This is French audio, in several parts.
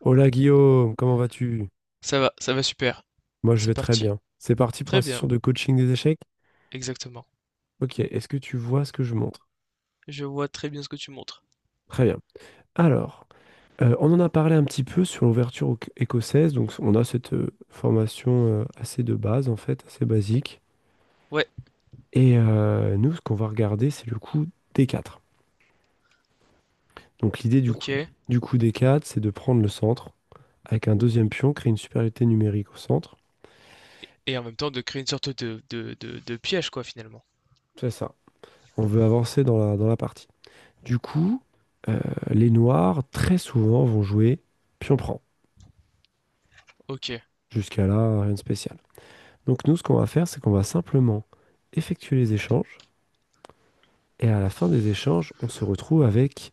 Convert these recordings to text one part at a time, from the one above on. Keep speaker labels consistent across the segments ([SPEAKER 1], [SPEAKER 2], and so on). [SPEAKER 1] Hola Guillaume, comment vas-tu?
[SPEAKER 2] Ça va super.
[SPEAKER 1] Moi je
[SPEAKER 2] C'est
[SPEAKER 1] vais très
[SPEAKER 2] parti.
[SPEAKER 1] bien. C'est parti pour
[SPEAKER 2] Très
[SPEAKER 1] la
[SPEAKER 2] bien,
[SPEAKER 1] session de coaching des échecs.
[SPEAKER 2] exactement.
[SPEAKER 1] Ok, est-ce que tu vois ce que je montre?
[SPEAKER 2] Je vois très bien ce que tu montres.
[SPEAKER 1] Très bien. Alors, on en a parlé un petit peu sur l'ouverture écossaise, donc on a cette formation assez de base en fait, assez basique.
[SPEAKER 2] Ouais,
[SPEAKER 1] Et nous, ce qu'on va regarder, c'est le coup D4. Donc l'idée du coup,
[SPEAKER 2] OK, et
[SPEAKER 1] du coup D4, c'est de prendre le centre avec un deuxième pion, créer une supériorité numérique au centre.
[SPEAKER 2] et en même temps de créer une sorte de piège quoi finalement.
[SPEAKER 1] C'est ça. On veut avancer dans la partie. Du coup, euh, les noirs, très souvent, vont jouer pion prend.
[SPEAKER 2] OK.
[SPEAKER 1] Jusqu'à là, rien de spécial. Donc nous, ce qu'on va faire, c'est qu'on va simplement effectuer les échanges. Et à la fin des échanges, on se retrouve avec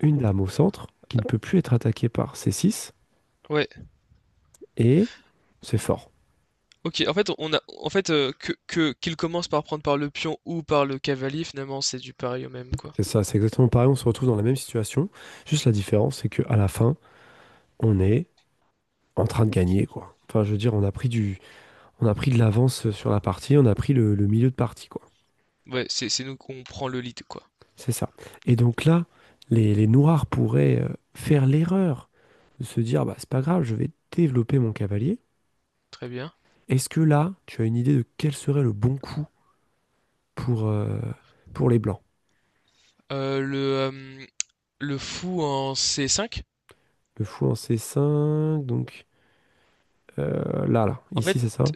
[SPEAKER 1] une dame au centre qui ne peut plus être attaquée par c six.
[SPEAKER 2] Ouais,
[SPEAKER 1] Et c'est fort.
[SPEAKER 2] OK. En fait, on a en fait, que qu'il commence par prendre par le pion ou par le cavalier, finalement, c'est du pareil au même, quoi.
[SPEAKER 1] C'est ça, c'est exactement pareil. On se retrouve dans la même situation. Juste la différence, c'est qu'à la fin, on est en train de gagner, quoi. Enfin, je veux dire, on a pris de l'avance sur la partie, on a pris le milieu de partie, quoi.
[SPEAKER 2] Ouais, c'est nous qu'on prend le lead, quoi.
[SPEAKER 1] C'est ça. Et donc là, les noirs pourraient faire l'erreur de se dire, bah, c'est pas grave, je vais développer mon cavalier.
[SPEAKER 2] Très bien.
[SPEAKER 1] Est-ce que là, tu as une idée de quel serait le bon coup pour, euh, pour les blancs?
[SPEAKER 2] Heu, le, hem, le fou en C5?
[SPEAKER 1] Le fou en C5, donc
[SPEAKER 2] En
[SPEAKER 1] ici,
[SPEAKER 2] fait,
[SPEAKER 1] c'est ça?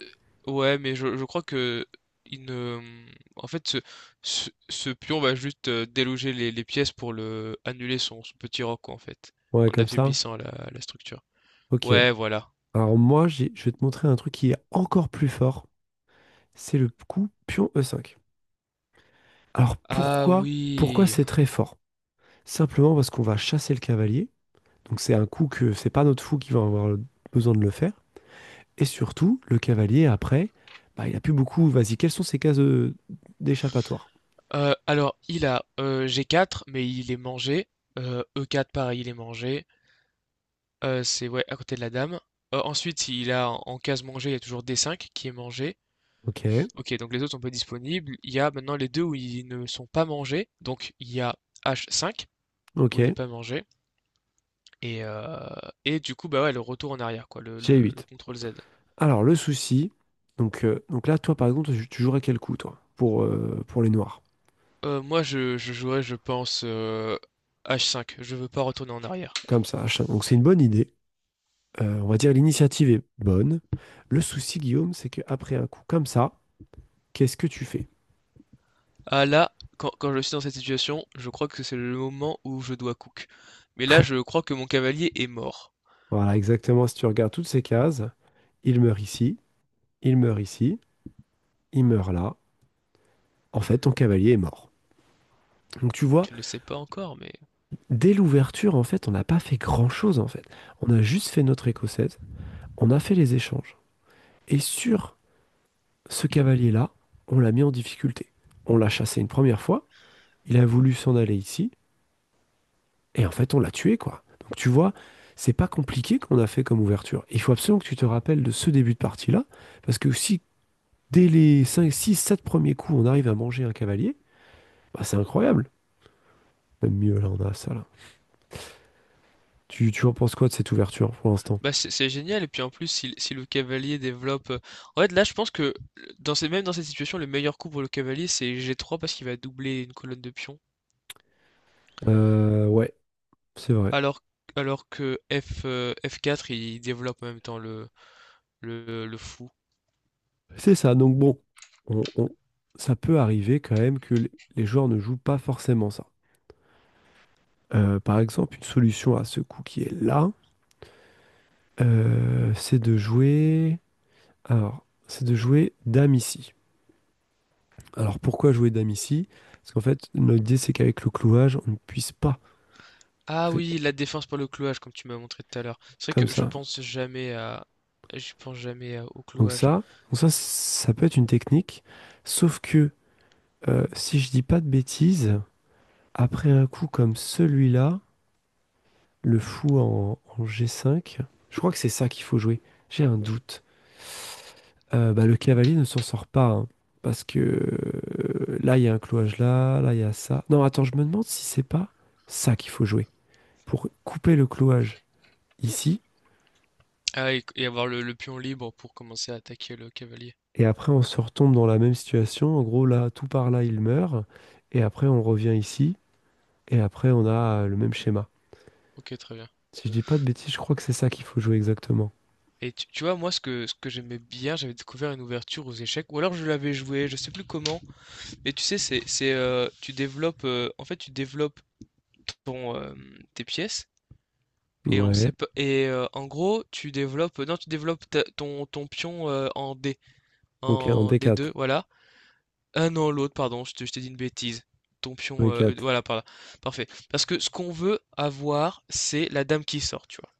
[SPEAKER 2] ouais, mais je crois que il ne... en fait, ce pion va juste déloger les pièces pour le annuler son petit roc, quoi, en fait,
[SPEAKER 1] Ouais,
[SPEAKER 2] en
[SPEAKER 1] comme ça.
[SPEAKER 2] affaiblissant la structure.
[SPEAKER 1] Ok.
[SPEAKER 2] Ouais, voilà.
[SPEAKER 1] Alors moi, je vais te montrer un truc qui est encore plus fort. C'est le coup pion E5. Alors
[SPEAKER 2] Ah
[SPEAKER 1] pourquoi
[SPEAKER 2] oui.
[SPEAKER 1] c'est très fort? Simplement parce qu'on va chasser le cavalier. Donc c'est un coup que c'est pas notre fou qui va avoir besoin de le faire. Et surtout, le cavalier, après, bah, il a plus beaucoup. Vas-y, quelles sont ses cases d'échappatoire?
[SPEAKER 2] Alors, il a G4, mais il est mangé. E4, pareil, il est mangé. C'est ouais, à côté de la dame. Ensuite, il a en case mangée, il y a toujours D5 qui est mangé.
[SPEAKER 1] Ok,
[SPEAKER 2] Ok, donc les autres sont pas disponibles. Il y a maintenant les deux où ils ne sont pas mangés. Donc il y a H5 où il est
[SPEAKER 1] ok,
[SPEAKER 2] pas mangé. Et, euh, et du coup, bah ouais, le retour en arrière, quoi, le,
[SPEAKER 1] j'ai
[SPEAKER 2] le, le
[SPEAKER 1] huit.
[SPEAKER 2] contrôle Z.
[SPEAKER 1] Alors, le souci, donc là, toi, par exemple, tu jouerais quel coup, toi, pour les noirs?
[SPEAKER 2] Moi, je jouerais, je pense, H5. Je veux pas retourner en arrière.
[SPEAKER 1] Comme ça, achat. Donc c'est une bonne idée. On va dire l'initiative est bonne. Le souci, Guillaume, c'est qu'après un coup comme ça, qu'est-ce que tu fais?
[SPEAKER 2] Ah là, quand je suis dans cette situation, je crois que c'est le moment où je dois cook. Mais là, je crois que mon cavalier est mort.
[SPEAKER 1] Voilà, exactement, si tu regardes toutes ces cases, il meurt ici, il meurt ici, il meurt là, en fait, ton cavalier est mort. Donc tu vois,
[SPEAKER 2] Tu ne le sais pas encore, mais.
[SPEAKER 1] dès l'ouverture, en fait, on n'a pas fait grand-chose, en fait. On a juste fait notre écossaise, on a fait les échanges. Et sur ce cavalier-là, on l'a mis en difficulté. On l'a chassé une première fois, il a voulu s'en aller ici, et en fait, on l'a tué, quoi. Donc tu vois, c'est pas compliqué qu'on a fait comme ouverture. Il faut absolument que tu te rappelles de ce début de partie-là, parce que si dès les 5, 6, 7 premiers coups, on arrive à manger un cavalier, bah, c'est incroyable. Même mieux, là, on a ça, là. Tu en penses quoi de cette ouverture pour l'instant?
[SPEAKER 2] Bah, c'est génial et puis en plus si le cavalier développe en fait là je pense que même dans cette situation le meilleur coup pour le cavalier c'est G3 parce qu'il va doubler une colonne de pions
[SPEAKER 1] Ouais, c'est vrai.
[SPEAKER 2] alors alors que F F4 il développe en même temps le fou.
[SPEAKER 1] C'est ça. Donc bon, on- on- ça peut arriver quand même que les joueurs ne jouent pas forcément ça. Par exemple, une solution à ce coup qui est là, c'est de jouer. Alors, c'est de jouer dame ici. Alors pourquoi jouer dame ici? Parce qu'en fait, l'idée c'est qu'avec le clouage, on ne puisse pas
[SPEAKER 2] Ah
[SPEAKER 1] ré-
[SPEAKER 2] oui, la défense par le clouage comme tu m'as montré tout à l'heure. C'est
[SPEAKER 1] comme
[SPEAKER 2] vrai que je
[SPEAKER 1] ça.
[SPEAKER 2] pense jamais à je pense jamais à- au
[SPEAKER 1] Donc
[SPEAKER 2] clouage.
[SPEAKER 1] ça, donc ça, ça peut être une technique. Sauf que si je dis pas de bêtises, après un coup comme celui-là. Le fou en G5. Je crois que c'est ça qu'il faut jouer. J'ai un doute. Bah, le cavalier ne s'en sort pas, hein, parce que là, il y a un clouage là, il y a ça. Non, attends, je me demande si c'est pas ça qu'il faut jouer. Pour couper le clouage ici.
[SPEAKER 2] Ah et avoir le pion libre pour commencer à attaquer le cavalier.
[SPEAKER 1] Et après, on se retombe dans la même situation. En gros, là, tout par là, il meurt. Et après, on revient ici. Et après, on a le même schéma.
[SPEAKER 2] OK, très bien.
[SPEAKER 1] Si je dis pas de bêtises, je crois que c'est ça qu'il faut jouer exactement.
[SPEAKER 2] Et tu vois, moi, ce que j'aimais bien, j'avais découvert une ouverture aux échecs, ou alors je l'avais joué, je sais plus comment, mais tu sais, tu développes, en fait, tu développes ton, euh, tes pièces, et on
[SPEAKER 1] Ouais.
[SPEAKER 2] sait pas, et en gros, tu développes, non, tu développes ton pion
[SPEAKER 1] Donc, en
[SPEAKER 2] en
[SPEAKER 1] D4.
[SPEAKER 2] D2, voilà. Ah non, l'autre, pardon, je t'ai dit une bêtise. Ton pion,
[SPEAKER 1] E4.
[SPEAKER 2] voilà, par là. Parfait. Parce que ce qu'on veut avoir, c'est la dame qui sort, tu vois.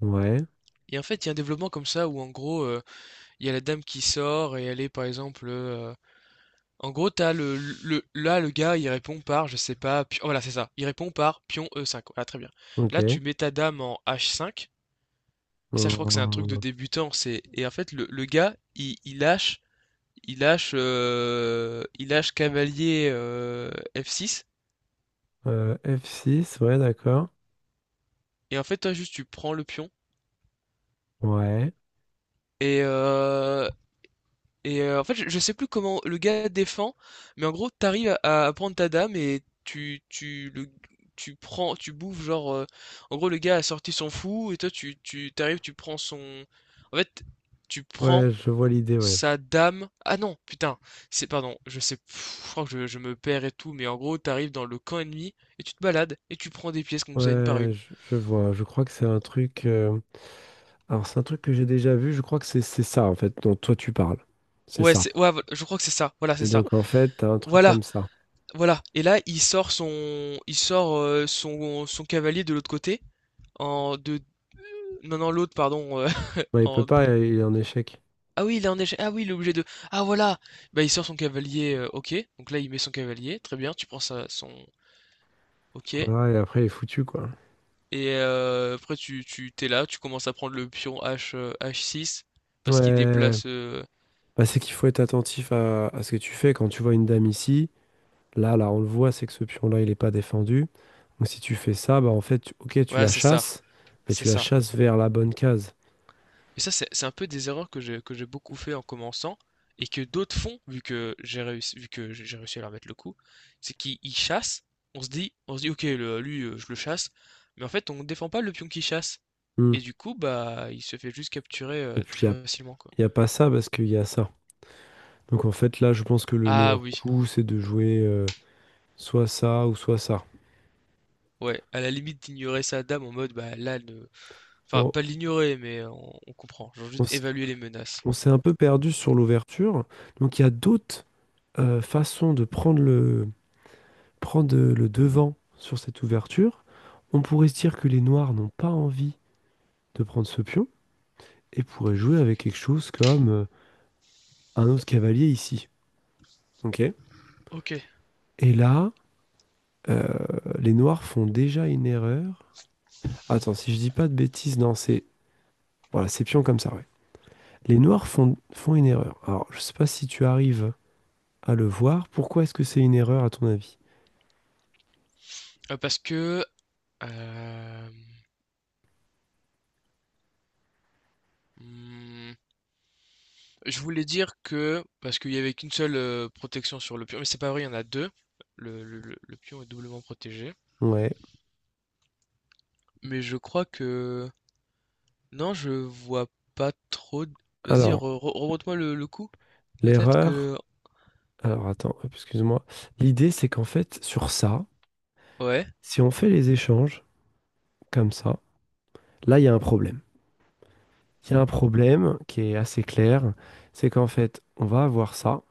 [SPEAKER 1] Ouais.
[SPEAKER 2] Et en fait, il y a un développement comme ça où, en gros, il y a la dame qui sort et elle est par exemple en gros t'as le là le gars il répond par je sais pas oh, voilà c'est ça, il répond par pion E5, voilà très bien, là
[SPEAKER 1] Ok.
[SPEAKER 2] tu mets ta dame en H5. Et ça je crois que c'est un truc de
[SPEAKER 1] Hum,
[SPEAKER 2] débutant, c'est et en fait le gars il lâche il lâche cavalier F6,
[SPEAKER 1] f six, ouais, d'accord.
[SPEAKER 2] et en fait toi juste tu prends le pion
[SPEAKER 1] Ouais.
[SPEAKER 2] et, euh, Et en fait, je sais plus comment le gars défend, mais en gros, t'arrives à prendre ta dame et tu prends, tu bouffes, genre, en gros, le gars a sorti son fou et toi, t'arrives, tu prends son, en fait, tu prends
[SPEAKER 1] Ouais, je vois l'idée, ouais.
[SPEAKER 2] sa dame. Ah non, putain, pardon, je crois que je me perds et tout, mais en gros, t'arrives dans le camp ennemi et tu te balades et tu prends des pièces comme ça, une par
[SPEAKER 1] Ouais,
[SPEAKER 2] une.
[SPEAKER 1] je vois. Je crois que c'est un truc. Alors, c'est un truc que j'ai déjà vu. Je crois que c'est ça, en fait, dont toi tu parles. C'est
[SPEAKER 2] Ouais,
[SPEAKER 1] ça.
[SPEAKER 2] ouais, voilà, je crois que c'est ça. Voilà, c'est
[SPEAKER 1] Et
[SPEAKER 2] ça.
[SPEAKER 1] donc, en fait, t'as un truc
[SPEAKER 2] Voilà,
[SPEAKER 1] comme ça.
[SPEAKER 2] Voilà. Et là, il sort son cavalier de l'autre côté, en de, non non l'autre, pardon,
[SPEAKER 1] Ouais, il peut
[SPEAKER 2] en,
[SPEAKER 1] pas, il est en échec.
[SPEAKER 2] ah oui, il est en échec, ah oui, il est obligé de, ah voilà, bah il sort son cavalier, ok. Donc là, il met son cavalier, très bien. Tu prends ça, son, ok.
[SPEAKER 1] Voilà, et après, il est foutu, quoi.
[SPEAKER 2] Et après, tu t'es là, tu commences à prendre le pion H6 parce qu'il
[SPEAKER 1] Ouais.
[SPEAKER 2] déplace,
[SPEAKER 1] Bah, c'est qu'il faut être attentif à ce que tu fais. Quand tu vois une dame ici, là, on le voit, c'est que ce pion-là, il n'est pas défendu. Donc si tu fais ça, bah en fait, ok, tu
[SPEAKER 2] voilà,
[SPEAKER 1] la
[SPEAKER 2] c'est ça,
[SPEAKER 1] chasses, mais
[SPEAKER 2] c'est
[SPEAKER 1] tu la
[SPEAKER 2] ça.
[SPEAKER 1] chasses vers la bonne case.
[SPEAKER 2] Et ça, c'est un peu des erreurs que j'ai beaucoup fait en commençant et que d'autres font, vu que j'ai réussi à leur mettre le coup, c'est qu'ils ils chassent, on se dit, ok, lui, je le chasse, mais en fait, on ne défend pas le pion qui chasse.
[SPEAKER 1] Hmm.
[SPEAKER 2] Et du coup, bah, il se fait juste capturer
[SPEAKER 1] Et puis,
[SPEAKER 2] très facilement, quoi.
[SPEAKER 1] y a pas ça parce qu'il y a ça. Donc en fait, là, je pense que le
[SPEAKER 2] Ah
[SPEAKER 1] meilleur
[SPEAKER 2] oui,
[SPEAKER 1] coup, c'est de jouer soit ça ou soit ça.
[SPEAKER 2] ouais, à la limite d'ignorer sa dame en mode, bah là, ne... enfin,
[SPEAKER 1] Bon,
[SPEAKER 2] pas l'ignorer, mais on comprend, genre
[SPEAKER 1] on,
[SPEAKER 2] juste
[SPEAKER 1] s-
[SPEAKER 2] évaluer les menaces.
[SPEAKER 1] on s'est un peu perdu sur l'ouverture. Donc il y a d'autres façons de prendre prendre le devant sur cette ouverture. On pourrait se dire que les noirs n'ont pas envie de prendre ce pion et pourraient jouer avec quelque chose comme un autre cavalier ici. Ok.
[SPEAKER 2] Ok,
[SPEAKER 1] Et là, euh, les noirs font déjà une erreur. Attends, si je dis pas de bêtises, non, c'est voilà, c'est pion comme ça, ouais. Les noirs font une erreur. Alors, je sais pas si tu arrives à le voir. Pourquoi est-ce que c'est une erreur à ton avis?
[SPEAKER 2] Euh, parce que... euh, hmm, Je voulais dire que, parce qu'il y avait qu'une seule protection sur le pion, mais c'est pas vrai, il y en a deux. Le pion est doublement protégé.
[SPEAKER 1] Ouais.
[SPEAKER 2] Mais je crois que. Non, je vois pas trop. Vas-y,
[SPEAKER 1] Alors,
[SPEAKER 2] remonte-moi le coup. Peut-être
[SPEAKER 1] l'erreur.
[SPEAKER 2] que.
[SPEAKER 1] Alors, attends, hop, excuse-moi. L'idée, c'est qu'en fait, sur ça,
[SPEAKER 2] Ouais.
[SPEAKER 1] si on fait les échanges comme ça, là, il y a un problème. Il y a un problème qui est assez clair. C'est qu'en fait, on va avoir ça.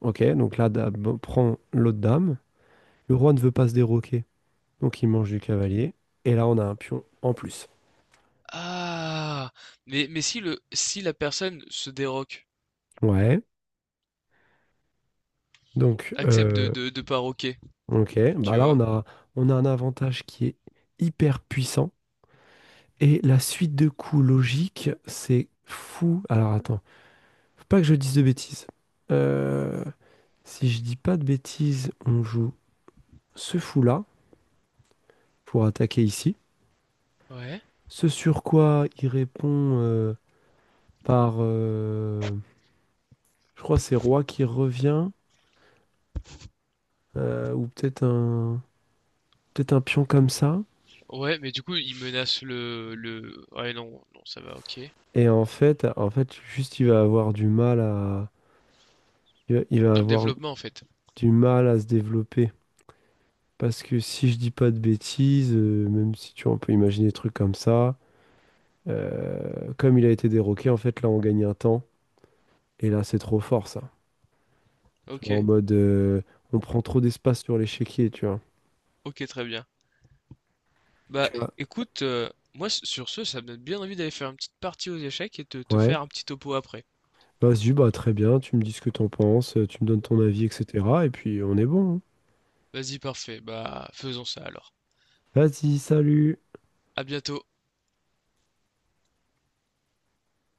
[SPEAKER 1] Ok, donc la dame prend l'autre dame. Le roi ne veut pas se déroquer, donc il mange du cavalier. Et là, on a un pion en plus.
[SPEAKER 2] Ah! Mais si la personne se déroque,
[SPEAKER 1] Ouais. Donc,
[SPEAKER 2] accepte de, de, de paroquer,
[SPEAKER 1] ok. Bah
[SPEAKER 2] tu
[SPEAKER 1] là, on
[SPEAKER 2] vois.
[SPEAKER 1] a, on a un avantage qui est hyper puissant. Et la suite de coups logique, c'est fou. Alors, attends. Faut pas que je dise de bêtises. Euh, si je dis pas de bêtises, on joue ce fou-là pour attaquer ici.
[SPEAKER 2] Ouais.
[SPEAKER 1] Ce sur quoi il répond par. Je crois que c'est roi qui revient, ou peut-être un pion comme ça.
[SPEAKER 2] Ouais, mais du coup, il menace le. Ouais, non, non, ça va, ok.
[SPEAKER 1] Et en fait, juste il va avoir du mal à, il va
[SPEAKER 2] Dans le
[SPEAKER 1] avoir
[SPEAKER 2] développement, en fait.
[SPEAKER 1] du mal à se développer. Parce que si je dis pas de bêtises, même si tu vois, on peut imaginer des trucs comme ça, comme il a été déroqué, en fait, là, on gagne un temps. Et là, c'est trop fort, ça. Tu vois, en
[SPEAKER 2] Ok,
[SPEAKER 1] mode, on prend trop d'espace sur l'échiquier, tu vois.
[SPEAKER 2] ok, très bien. Bah
[SPEAKER 1] Tu vois,
[SPEAKER 2] écoute, moi sur ce, ça me donne bien envie d'aller faire une petite partie aux échecs et de te
[SPEAKER 1] ouais.
[SPEAKER 2] faire un petit topo après.
[SPEAKER 1] Vas-y, bah très bien, tu me dis ce que t'en penses, tu me donnes ton avis, etc. Et puis on est bon, hein.
[SPEAKER 2] Vas-y, parfait. Bah faisons ça alors.
[SPEAKER 1] Vas-y, salut.
[SPEAKER 2] À bientôt.